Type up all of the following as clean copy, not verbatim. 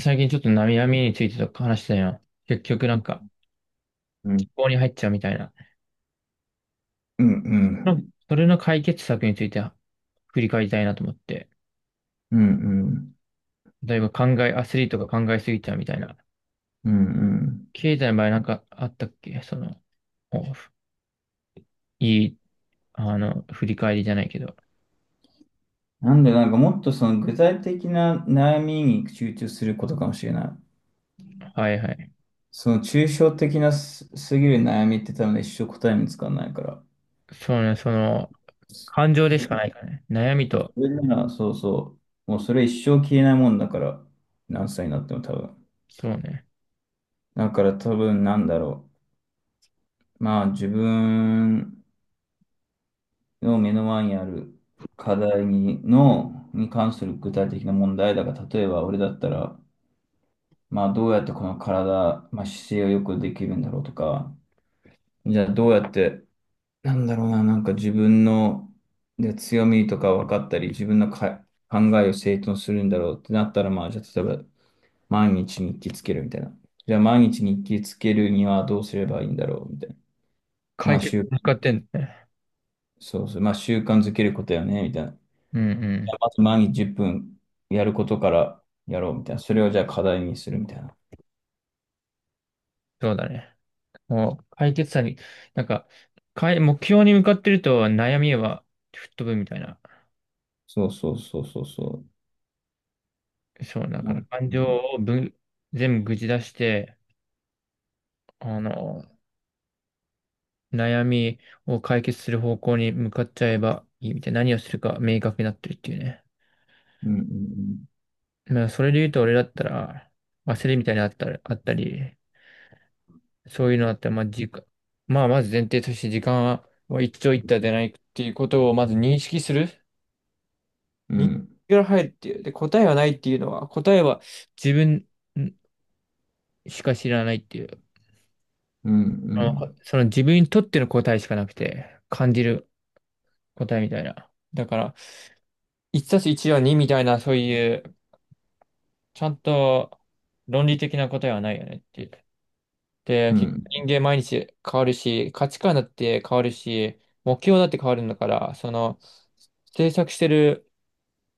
最近ちょっと悩みについてとか話してたよ。結局うん、思考に入っちゃうみたいな。うん、ううん、んそれの解決策について振り返りたいなと思って。うん、例えばアスリートが考えすぎちゃうみたいな。うん、うん。経済の場合なんかあったっけその、おいい、あの、振り返りじゃないけど。なんで、なんかもっとその具体的な悩みに集中することかもしれない。はいはい。その抽象的なすぎる悩みって多分ね一生答え見つかんないから。そうね、その、感情そでれ、しかないからね。悩みそと、それなら、そうそう。もうそれ一生消えないもんだから、何歳になっても多分。そうね。だから多分なんだろう。まあ自分の目の前にある課題に関する具体的な問題だから、例えば俺だったら、まあ、どうやってこの体、まあ、姿勢をよくできるんだろうとか、じゃあどうやって、なんだろうな、なんか自分の強みとか分かったり、自分の考えを整頓するんだろうってなったら、まあ、じゃあ例えば毎日日記つけるみたいな。じゃあ毎日日記つけるにはどうすればいいんだろうみたいな。ま解あ、決に向かってんだね。そうそう、まあ習慣づけることよね、みたいな。じうんうゃあん。まず毎日10分やることからやろうみたいな。それをじゃあ課題にするみたいな。そうだね。もう解決策に、なんか、かい、目標に向かってると悩みは吹っ飛ぶみたいな。そうそうそうそうそそう、だかう。うんら感情をぶ、全部ぐじ出して、あの、悩みを解決する方向に向かっちゃえばいいみたいな。何をするか明確になってるっていうね。うんうんそれで言うと俺だったら、焦りみたいなのあったり、そういうのあったら、まあ、まず前提として時間は一長一短でないっていうことをまず認識する。う日ん、ら入るっていう。で、答えはないっていうのは、答えは自分しか知らないっていう。うん、うあのん、その自分にとっての答えしかなくて、感じる答えみたいな。だから、1たす1は2みたいな、そういう、ちゃんと論理的な答えはないよねっていう。で、う結ん、局人間毎日変わるし、価値観だって変わるし、目標だって変わるんだから、その、制作してる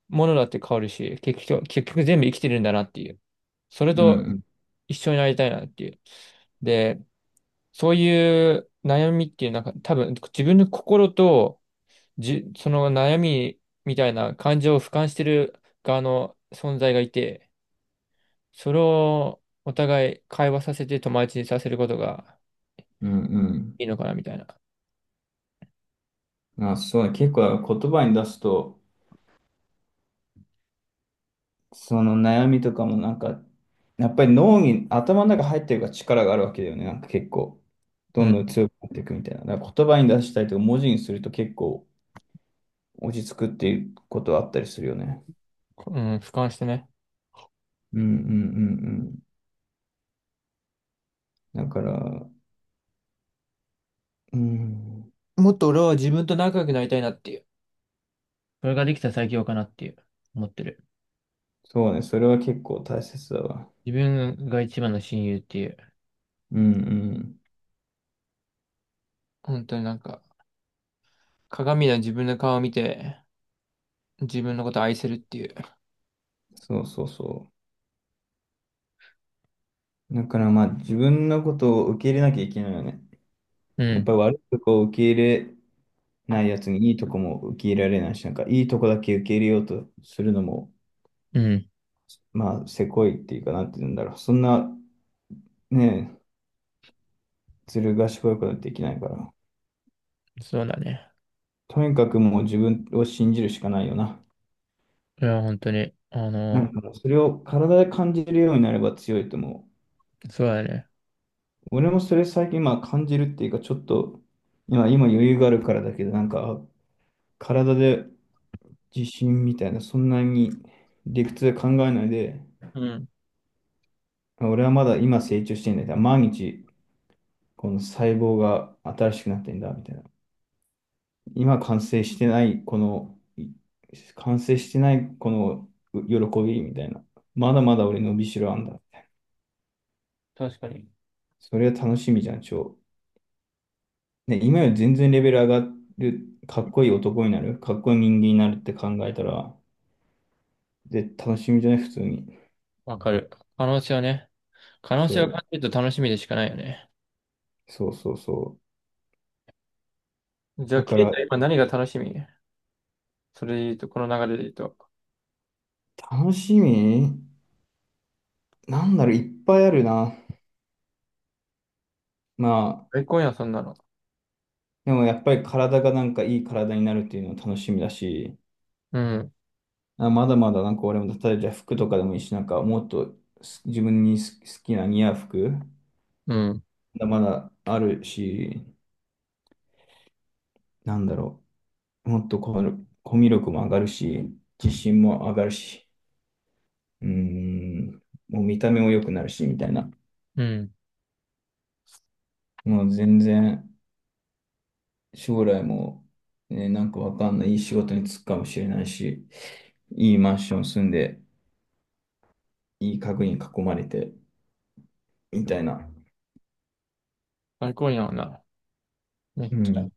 ものだって変わるし、結局全部生きてるんだなっていう。それうと、ん、一緒になりたいなっていう。で、そういう悩みっていう、なんか多分自分の心とその悩みみたいな感情を俯瞰してる側の存在がいて、それをお互い会話させて友達にさせることがうん、うん。いいのかなみたいな。まあ、そうだ、結構言葉に出すと、その悩みとかもなんか、やっぱり頭の中入ってるから力があるわけだよね。なんか結構、うどんん、どん強くなっていくみたいな。だから言葉に出したりとか、文字にすると結構落ち着くっていうことはあったりするよね。うん、俯瞰してね。うん、うん、うん、うん。だから、うん、もっと俺は自分と仲良くなりたいなっていう。それができたら最強かなっていう、思ってる。そうね、それは結構大切だわ。自分が一番の親友っていう。うん、うん。本当になんか、鏡の自分の顔を見て、自分のことを愛せるっていう。そうそうそう。だからまあ自分のことを受け入れなきゃいけないよね。うやっん、ぱり悪いとこを受け入れないやつにいいとこも受け入れられないし、なんかいいとこだけ受け入れようとするのも、うん、まあせこいっていうかなんて言うんだろう。そんなね、ずる賢いことはできないから。そうだね。とにかくもう自分を信じるしかないよな。いや、本当に、なんかそれを体で感じるようになれば強いと思う。そうだね。俺もそれ最近まあ感じるっていうかちょっと今余裕があるからだけど、なんか体で自信みたいな、そんなに理屈で考えないで、うん、俺はまだ今成長してんだよ。毎日、この細胞が新しくなってんだ、みたいな。今完成してない、この、い完成してない、この喜び、みたいな。まだまだ俺伸びしろあんだ。確かに。それは楽しみじゃん、超。ね、今より全然レベル上がる、かっこいい男になる、かっこいい人間になるって考えたら、で、楽しみじゃない、普通に。わかる。可能性はね、可能性をそ感じると楽しみでしかないよね。う、そうそうそじゃう。あ、だかケイら、タ今何が楽しみそれで言うと、この流れで言うと。楽しみなんだろう、いっぱいあるな。まあ、最高やん、そんなの。でもやっぱり体がなんかいい体になるっていうのは楽しみだし、うん、あ、まだまだなんか俺も、例えばじゃあ服とかでもいいし、なんかもっと自分に好きな似合う服、うん、まだまだあるし、なんだろう、もっとこのコミュ力も上がるし、自信も上がるし、うーん、もう見た目も良くなるし、みたいな。うん。もう全然将来も、ね、なんかわかんない、いい仕事に就くかもしれないし、いいマンション住んで、いい家具に囲まれて、みたいな。最高やんな。めっうちゃ。ん。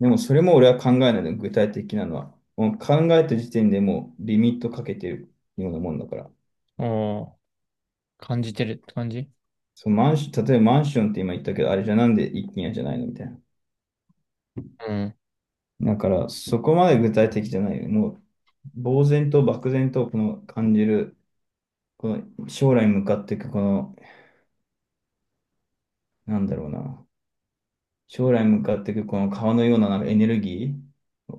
でもそれも俺は考えないの、具体的なのは。もう考えた時点でもうリミットかけてるようなもんだから。おー、感じてるって感じそのマンション、例えばマンションって今言ったけど、あれじゃなんで一軒家じゃないのみたいな。うん。だからそこまで具体的じゃないよ。もう呆然と漠然とこの感じる、この将来向かっていくこの、なんだろうな。将来向かっていくこの川のようななんかエネルギ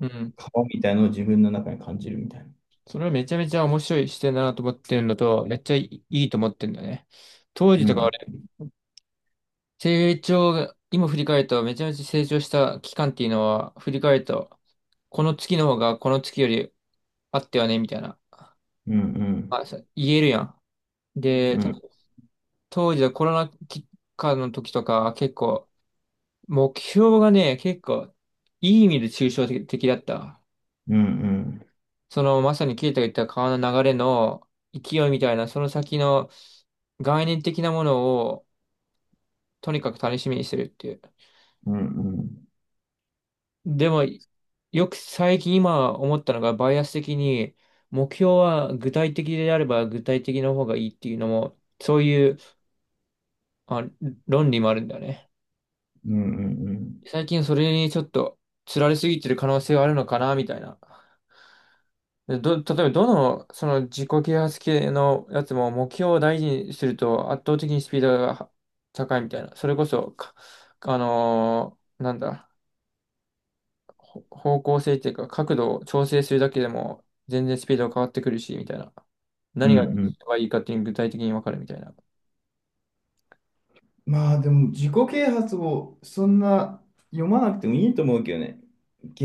うん。川みたいなのを自分の中に感じるみたいな。それはめちゃめちゃ面白い視点だなと思ってるのと、めっちゃいいと思ってるんだよね。当時うとかん、成長が、今振り返ると、めちゃめちゃ成長した期間っていうのは、振り返ると、この月の方がこの月よりあってはね、みたいな。うん、うあ、ん。そう言えるやん。で、うたん、当時はコロナ期間の時とか、目標がね、結構、いい意味で抽象的だった。うん、うん、その、まさにケイタが言った川の流れの勢いみたいな、その先の概念的なものを、とにかく楽しみにするっていう。うん、うん、でも、よく最近今思ったのが、バイアス的に、目標は具体的であれば具体的の方がいいっていうのも、そういう、あ、論理もあるんだよね。うん、うん、最近それにちょっと、つられすぎてる可能性があるのかな、みたいな。例えばその自己啓発系のやつも目標を大事にすると圧倒的にスピードが高いみたいな。それこそ、かあのーなんだ。方向性っていうか、角度を調整するだけでも、全然スピードが変わってくるし、みたいな。う何がん、うん。いいかっていうのが具体的にわかるみたいな。まあでも自己啓発をそんな読まなくてもいいと思うけどね。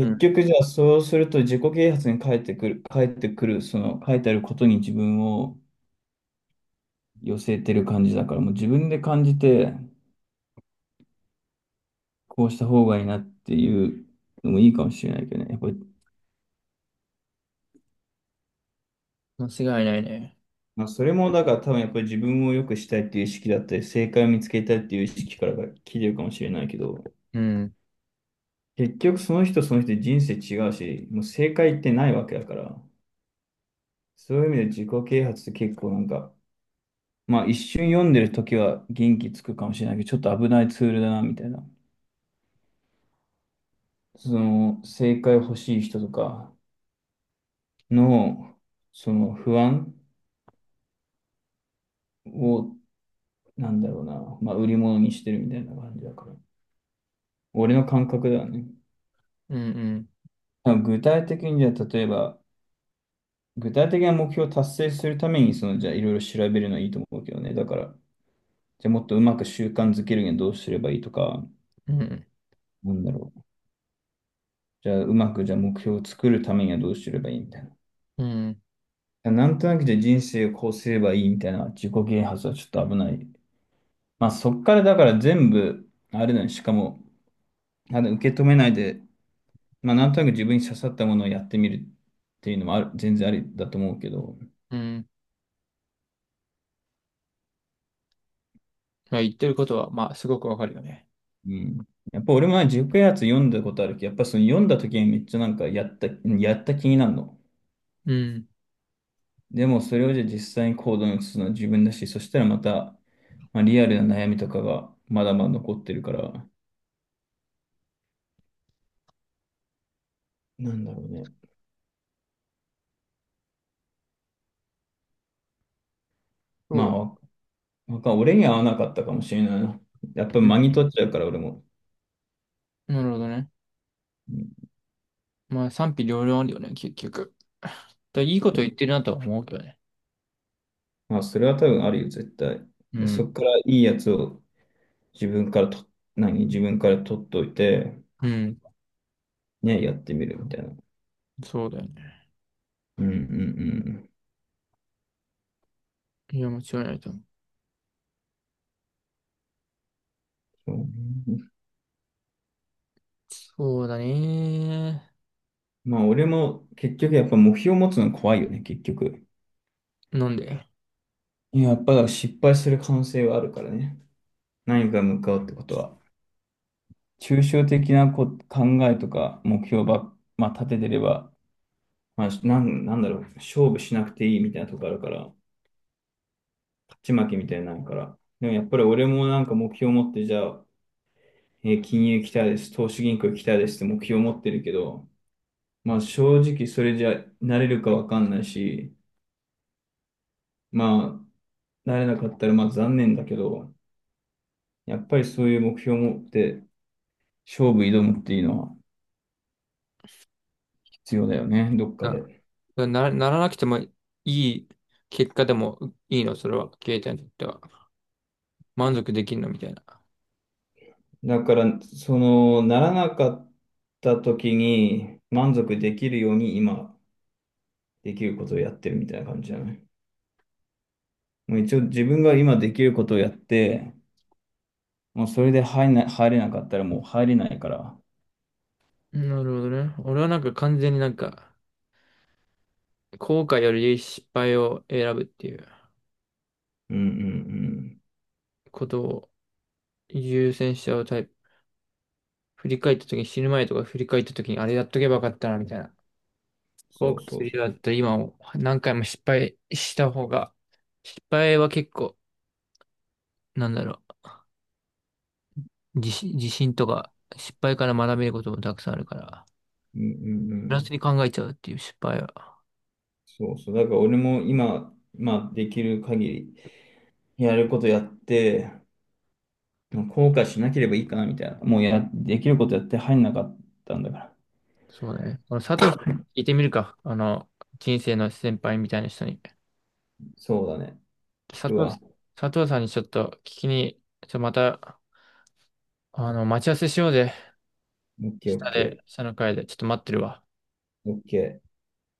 うん。局じゃあそうすると自己啓発に返ってくる、その書いてあることに自分を寄せてる感じだからもう自分で感じてこうした方がいいなっていうのもいいかもしれないけどね。やっぱり、間違いないね。まあ、それもだから多分やっぱり自分を良くしたいっていう意識だったり正解を見つけたいっていう意識からが来てるかもしれないけど。うん、結局その人その人で人生違うし、もう正解ってないわけだから、そういう意味で自己啓発って結構なんか、まあ一瞬読んでる時は元気つくかもしれないけど、ちょっと危ないツールだなみたいな。その正解欲しい人とかの、その不安を、なんだろうな、まあ売り物にしてるみたいな感じだから。俺の感覚だね。うん、多分具体的にじゃあ例えば、具体的な目標を達成するために、そのじゃあいろいろ調べるのはいいと思うけどね。だから、じゃあもっとうまく習慣づけるにはどうすればいいとか、うん、うん、なんだろう。じゃあうまくじゃあ目標を作るためにはどうすればいいみたいうん、な。なんとなくじゃあ人生をこうすればいいみたいな自己啓発はちょっと危ない。まあそっからだから全部、あれだね、しかも、あの受け止めないで、まあなんとなく自分に刺さったものをやってみるっていうのもある、全然ありだと思うけど、うん。まあ、言ってることは、まあ、すごくわかるよね。うん。やっぱ俺もね自己啓発読んだことあるけど、やっぱその読んだ時にめっちゃなんかやった気になるの。うん。でもそれをじゃあ実際に行動に移すのは自分だし、そしたらまた、まあ、リアルな悩みとかがまだまだ残ってるから、なんだろうね。まそう。あ、わわか俺には合わなかったかもしれないな。やっぱう間んに取っちゃうから俺も。なるほどね。うん。まあ、賛否両論あるよね、結局。だからいいこと言ってるなとは思うけどね。まあ、それは多分あるよ、絶対。うで、ん。そこからいいやつを自分からと、自分から取っといて、うん。ね、やってみるみたいな。そうだよね。うんうんうん。いや、間違いないと思う。そうね。そうだね。まあ、俺も結局やっぱ目標を持つの怖いよね、結局。なんでいや、やっぱ失敗する可能性はあるからね。何か向かうってことは。抽象的な考えとか目標、まあ、立ててれば、まあ、なんだろう、勝負しなくていいみたいなとこあるから、勝ち負けみたいになるから。でもやっぱり俺もなんか目標を持って、じゃあ、金融行きたいです、投資銀行行きたいですって目標を持ってるけど、まあ正直それじゃなれるかわかんないし、まあ、なれなかったらまあ残念だけど、やっぱりそういう目標を持って勝負挑むっていうのは、必要だよね、どっかあで。な、ならなくてもいい結果でもいいの、それは。携帯にとっては。満足できるのみたいな。だから、その、ならなかった時に満足できるように今できることをやってるみたいな感じじゃない。もう一応自分が今できることをやって、もうそれで入れなかったらもう入れないから。なるほどね。俺はなんか完全に、後悔より失敗を選ぶっていううんうんうん。ことを優先しちゃうタイプ。振り返った時に死ぬ前とか振り返った時にあれやっとけばよかったなみたいな。後そう悔すそうそるう。ようだったら今を何回も失敗した方が、失敗は結構、なんだろう、自信とか失敗から学べることもたくさんあるから、うんうんうプラスん。に考えちゃうっていう失敗は。そうそう。だから俺も今、まあできる限りやることやって、もう後悔しなければいいかなみたいな。もうできることやって入んなかったんだから。そうだね。この佐藤さん、聞いてみるか。あの、人生の先輩みたいな人に。そうだね。聞佐く藤さわ。ん、佐藤さんにちょっと聞きに、ちょっとまた、あの、待ち合わせしようぜ。オッケーオッ下ケー。で、下の階で。ちょっと待ってるわ。オッケー。